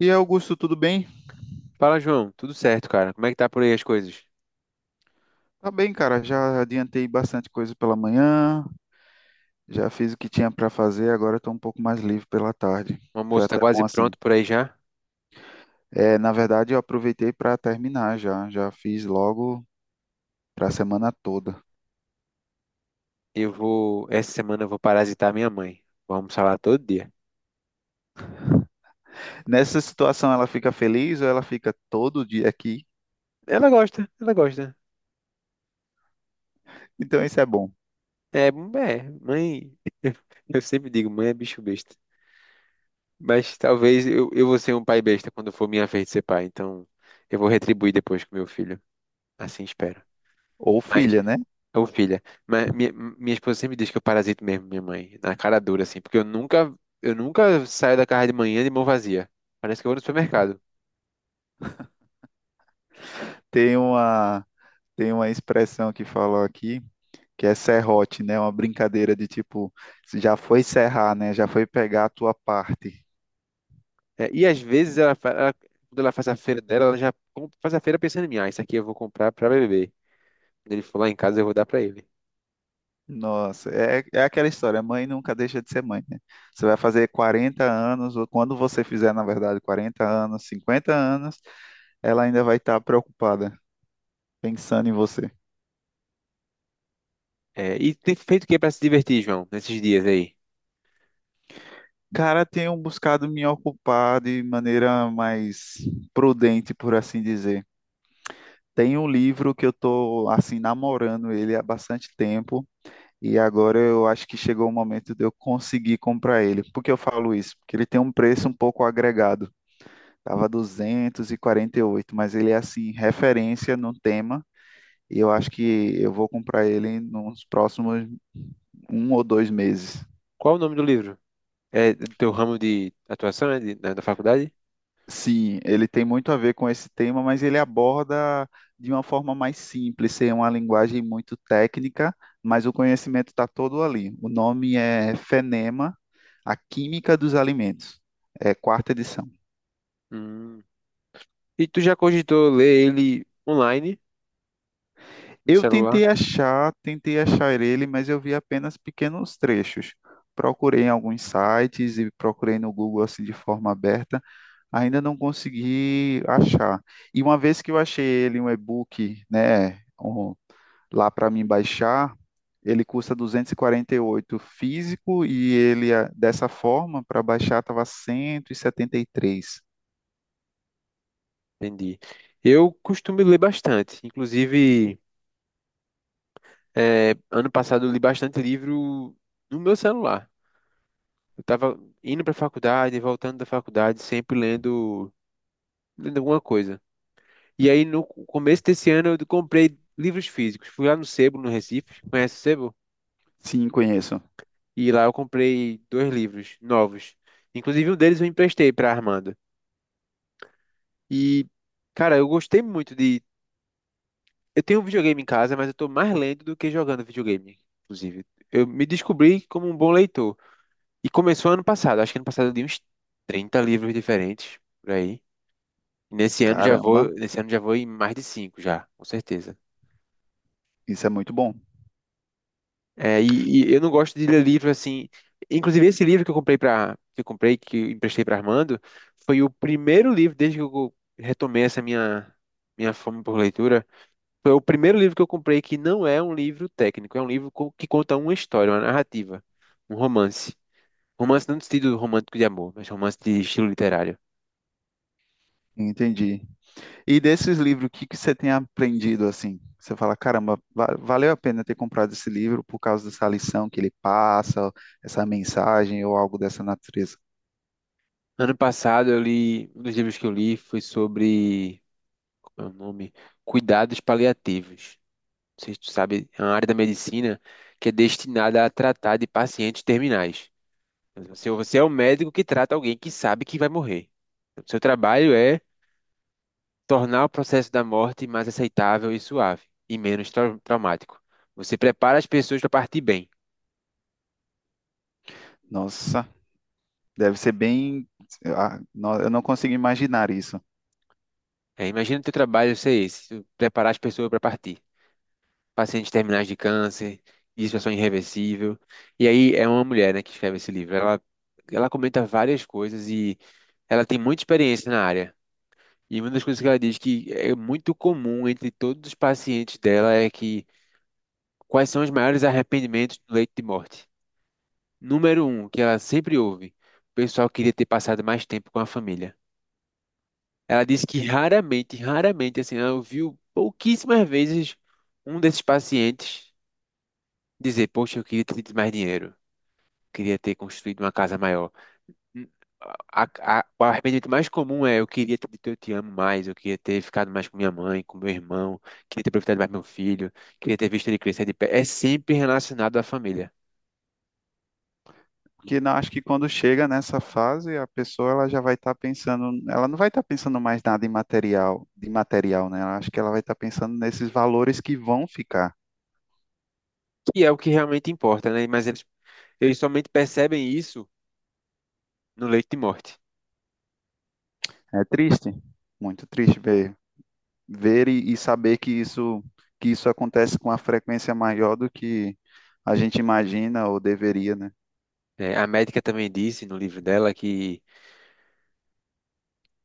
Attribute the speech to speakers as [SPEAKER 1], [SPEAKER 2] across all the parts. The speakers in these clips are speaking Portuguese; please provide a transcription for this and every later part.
[SPEAKER 1] E aí, Augusto, tudo bem?
[SPEAKER 2] Fala, João. Tudo certo, cara? Como é que tá por aí as coisas?
[SPEAKER 1] Tá bem, cara. Já adiantei bastante coisa pela manhã, já fiz o que tinha para fazer, agora estou um pouco mais livre pela tarde.
[SPEAKER 2] O
[SPEAKER 1] Foi
[SPEAKER 2] almoço tá
[SPEAKER 1] até bom
[SPEAKER 2] quase
[SPEAKER 1] assim.
[SPEAKER 2] pronto por aí já.
[SPEAKER 1] É, na verdade, eu aproveitei para terminar já fiz logo para a semana toda.
[SPEAKER 2] Eu vou. Essa semana eu vou parasitar minha mãe. Vou almoçar lá todo dia.
[SPEAKER 1] Nessa situação, ela fica feliz ou ela fica todo dia aqui?
[SPEAKER 2] Ela gosta, ela gosta.
[SPEAKER 1] Então, isso é bom.
[SPEAKER 2] É, é, mãe. Eu sempre digo, mãe é bicho besta. Mas talvez eu vou ser um pai besta quando for minha vez de ser pai. Então eu vou retribuir depois com meu filho. Assim espero.
[SPEAKER 1] Ou
[SPEAKER 2] Mas,
[SPEAKER 1] filha, né?
[SPEAKER 2] ô filha, mas minha esposa sempre diz que eu parasito mesmo minha mãe. Na cara dura, assim. Porque eu nunca saio da casa de manhã de mão vazia. Parece que eu vou no supermercado.
[SPEAKER 1] Tem uma, tem uma expressão que falam aqui, que é serrote, né? Uma brincadeira de tipo, se já foi serrar, né? Já foi pegar a tua parte.
[SPEAKER 2] É, e às vezes quando ela faz a feira dela, faz a feira pensando em mim. Ah, isso aqui eu vou comprar para beber. Quando ele for lá em casa, eu vou dar para ele.
[SPEAKER 1] Nossa, é aquela história, mãe nunca deixa de ser mãe, né? Você vai fazer 40 anos, ou quando você fizer, na verdade, 40 anos, 50 anos, ela ainda vai estar preocupada, pensando em você.
[SPEAKER 2] É, e tem feito o que para se divertir, João, nesses dias aí?
[SPEAKER 1] Cara, tenho buscado me ocupar de maneira mais prudente, por assim dizer. Tem um livro que eu tô assim namorando ele há bastante tempo e agora eu acho que chegou o momento de eu conseguir comprar ele. Por que eu falo isso? Porque ele tem um preço um pouco agregado. Tava 248, mas ele é assim referência no tema e eu acho que eu vou comprar ele nos próximos um ou dois meses.
[SPEAKER 2] Qual o nome do livro? É do teu ramo de atuação, né, da, da faculdade?
[SPEAKER 1] Sim, ele tem muito a ver com esse tema, mas ele aborda de uma forma mais simples, é uma linguagem muito técnica, mas o conhecimento está todo ali. O nome é FENEMA, A Química dos Alimentos. É 4ª edição.
[SPEAKER 2] Hum. E tu já cogitou ler ele online, no celular?
[SPEAKER 1] Tentei achar ele, mas eu vi apenas pequenos trechos. Procurei em alguns sites e procurei no Google assim de forma aberta, ainda não consegui achar. E uma vez que eu achei ele um e-book, né, lá para mim baixar, ele custa duzentos e quarenta e oito físico e ele, ah, dessa forma, para baixar estava cento e setenta e três.
[SPEAKER 2] Entendi. Eu costumo ler bastante. Inclusive, é, ano passado eu li bastante livro no meu celular. Eu tava indo pra faculdade, voltando da faculdade, sempre lendo, lendo alguma coisa. E aí, no começo desse ano, eu comprei livros físicos. Fui lá no Sebo, no Recife. Conhece o Sebo?
[SPEAKER 1] Sim, conheço.
[SPEAKER 2] E lá eu comprei dois livros novos. Inclusive, um deles eu emprestei pra Armando. E, cara, eu gostei muito de. Eu tenho um videogame em casa, mas eu tô mais lendo do que jogando videogame, inclusive. Eu me descobri como um bom leitor. E começou ano passado. Acho que ano passado eu li uns 30 livros diferentes, por aí.
[SPEAKER 1] Caramba,
[SPEAKER 2] Nesse ano já vou em mais de cinco já, com certeza.
[SPEAKER 1] isso é muito bom.
[SPEAKER 2] É, e eu não gosto de ler livro assim. Inclusive esse livro que eu comprei que eu emprestei para Armando, foi o primeiro livro desde que eu retomei essa minha fome por leitura. Foi o primeiro livro que eu comprei que não é um livro técnico, é um livro que conta uma história, uma narrativa, um romance. Romance não no sentido romântico de amor, mas romance de estilo literário.
[SPEAKER 1] Entendi. E desses livros, o que que você tem aprendido assim? Você fala, caramba, valeu a pena ter comprado esse livro por causa dessa lição que ele passa, essa mensagem ou algo dessa natureza.
[SPEAKER 2] Ano passado eu li, um dos livros que eu li foi sobre é o nome, cuidados paliativos. Não sei sabe, é uma área da medicina que é destinada a tratar de pacientes terminais. Você é o médico que trata alguém que sabe que vai morrer. O seu trabalho é tornar o processo da morte mais aceitável e suave, e menos traumático. Você prepara as pessoas para partir bem.
[SPEAKER 1] Nossa, deve ser bem. Eu não consigo imaginar isso.
[SPEAKER 2] É, imagina o teu trabalho ser esse, preparar as pessoas para partir. Pacientes terminais de câncer, de situação irreversível. E aí é uma mulher, né, que escreve esse livro. Ela comenta várias coisas e ela tem muita experiência na área. E uma das coisas que ela diz que é muito comum entre todos os pacientes dela é que quais são os maiores arrependimentos no leito de morte? Número um, que ela sempre ouve, o pessoal queria ter passado mais tempo com a família. Ela disse que raramente, raramente, assim, ela ouviu pouquíssimas vezes um desses pacientes dizer, poxa, eu queria ter tido mais dinheiro. Queria ter construído uma casa maior. Hum, a- o arrependimento mais comum é eu queria ter dito eu te amo mais, eu queria ter ficado mais com minha mãe, com meu irmão, queria ter aproveitado mais meu filho, queria ter visto ele crescer de pé. É sempre relacionado à família,
[SPEAKER 1] que não, acho que quando chega nessa fase, a pessoa ela já vai estar pensando, ela não vai estar pensando mais nada em material, de material, né? Ela acho que ela vai estar pensando nesses valores que vão ficar.
[SPEAKER 2] que é o que realmente importa, né? Mas eles somente percebem isso no leito de morte.
[SPEAKER 1] É triste, muito triste ver, ver e saber que isso acontece com uma frequência maior do que a gente imagina ou deveria, né?
[SPEAKER 2] Né? A médica também disse no livro dela que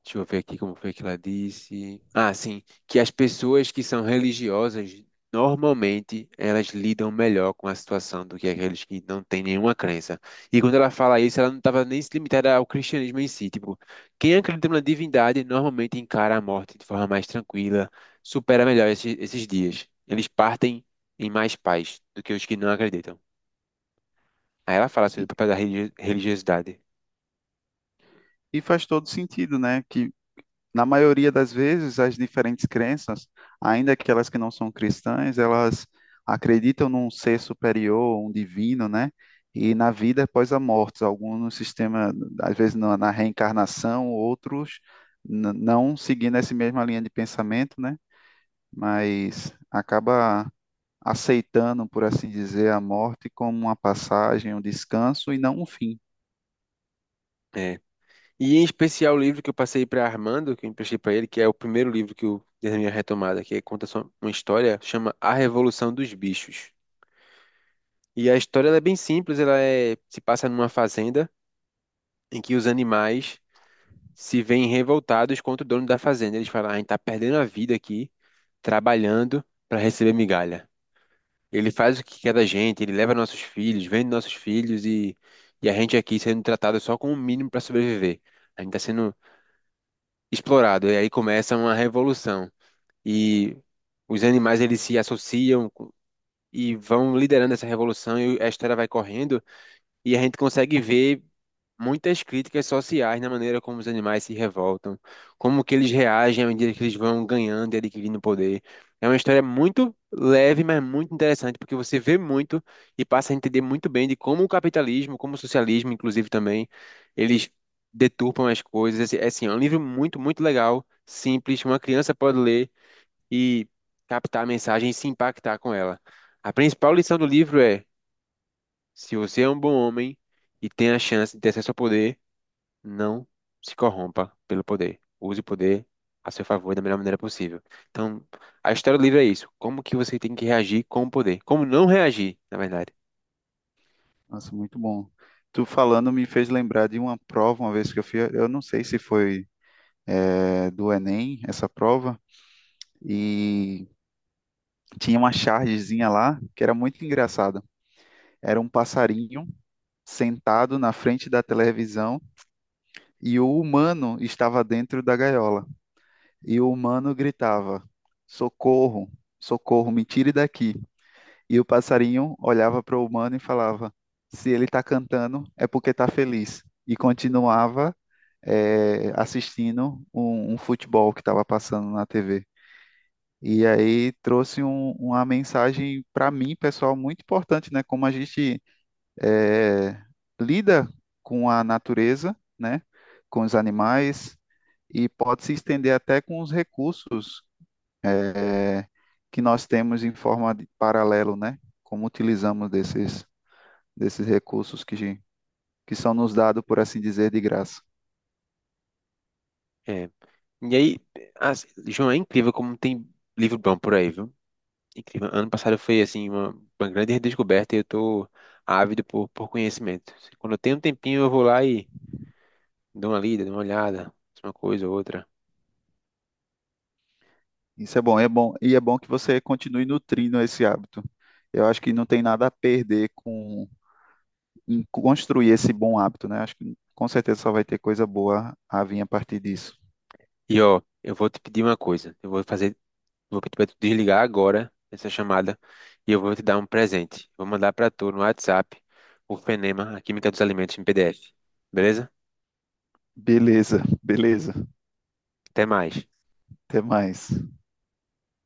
[SPEAKER 2] deixa eu ver aqui como foi que ela disse. Ah, sim, que as pessoas que são religiosas, normalmente, elas lidam melhor com a situação do que aqueles que não têm nenhuma crença. E quando ela fala isso, ela não estava nem se limitada ao cristianismo em si. Tipo, quem acredita na divindade normalmente encara a morte de forma mais tranquila, supera melhor esses dias. Eles partem em mais paz do que os que não acreditam. Aí ela fala sobre o papel da religiosidade.
[SPEAKER 1] E faz todo sentido, né? Que na maioria das vezes, as diferentes crenças, ainda que elas que não são cristãs, elas acreditam num ser superior, um divino, né? E na vida após a morte, alguns no sistema, às vezes na reencarnação, outros não seguindo essa mesma linha de pensamento, né? Mas acaba aceitando, por assim dizer, a morte como uma passagem, um descanso e não um fim.
[SPEAKER 2] É, e em especial o livro que eu passei para Armando, que eu emprestei para ele, que é o primeiro livro que eu dei a minha retomada, que conta só uma história, chama A Revolução dos Bichos. E a história ela é bem simples, ela é, se passa numa fazenda em que os animais se veem revoltados contra o dono da fazenda. Eles falam, ah, a gente tá perdendo a vida aqui, trabalhando para receber migalha. Ele faz o que quer da gente, ele leva nossos filhos, vende nossos filhos e a gente aqui sendo tratado só com o mínimo para sobreviver. A gente está sendo explorado. E aí começa uma revolução. E os animais eles se associam co- e vão liderando essa revolução e a história vai correndo e a gente consegue ver muitas críticas sociais na maneira como os animais se revoltam, como que eles reagem à medida que eles vão ganhando e adquirindo poder. É uma história muito leve, mas muito interessante, porque você vê muito e passa a entender muito bem de como o capitalismo, como o socialismo, inclusive também, eles deturpam as coisas. Assim, é um livro muito, muito legal, simples, uma criança pode ler e captar a mensagem e se impactar com ela. A principal lição do livro é: se você é um bom homem e tem a chance de ter acesso ao poder, não se corrompa pelo poder. Use o poder a seu favor da melhor maneira possível. Então, a história do livro é isso. Como que você tem que reagir com o poder? Como não reagir, na verdade.
[SPEAKER 1] Nossa, muito bom. Tu falando me fez lembrar de uma prova uma vez que eu fiz, eu não sei se foi do Enem, essa prova, e tinha uma chargezinha lá que era muito engraçada. Era um passarinho sentado na frente da televisão e o humano estava dentro da gaiola. E o humano gritava: socorro, socorro, me tire daqui. E o passarinho olhava para o humano e falava: se ele está cantando, é porque está feliz. E continuava assistindo um futebol que estava passando na TV. E aí trouxe uma mensagem para mim, pessoal, muito importante, né? Como a gente eh, lida com a natureza, né? Com os animais e pode se estender até com os recursos eh, que nós temos em forma de paralelo, né? Como utilizamos desses recursos que são nos dados, por assim dizer, de graça.
[SPEAKER 2] É. E aí, João, é incrível como tem livro bom por aí, viu? Incrível. Ano passado foi, assim, uma grande redescoberta e eu tô ávido por conhecimento. Quando eu tenho um tempinho, eu vou lá e dou uma lida, dou uma olhada, uma coisa ou outra.
[SPEAKER 1] Isso é bom, e é bom que você continue nutrindo esse hábito. Eu acho que não tem nada a perder com em construir esse bom hábito, né? Acho que com certeza só vai ter coisa boa a vir a partir disso.
[SPEAKER 2] E, ó, eu vou te pedir uma coisa. Eu vou fazer. Vou pedir para tu desligar agora essa chamada e eu vou te dar um presente. Vou mandar para tu no WhatsApp o Fenema, a Química dos Alimentos em PDF. Beleza?
[SPEAKER 1] Beleza, beleza.
[SPEAKER 2] Até mais.
[SPEAKER 1] Até mais.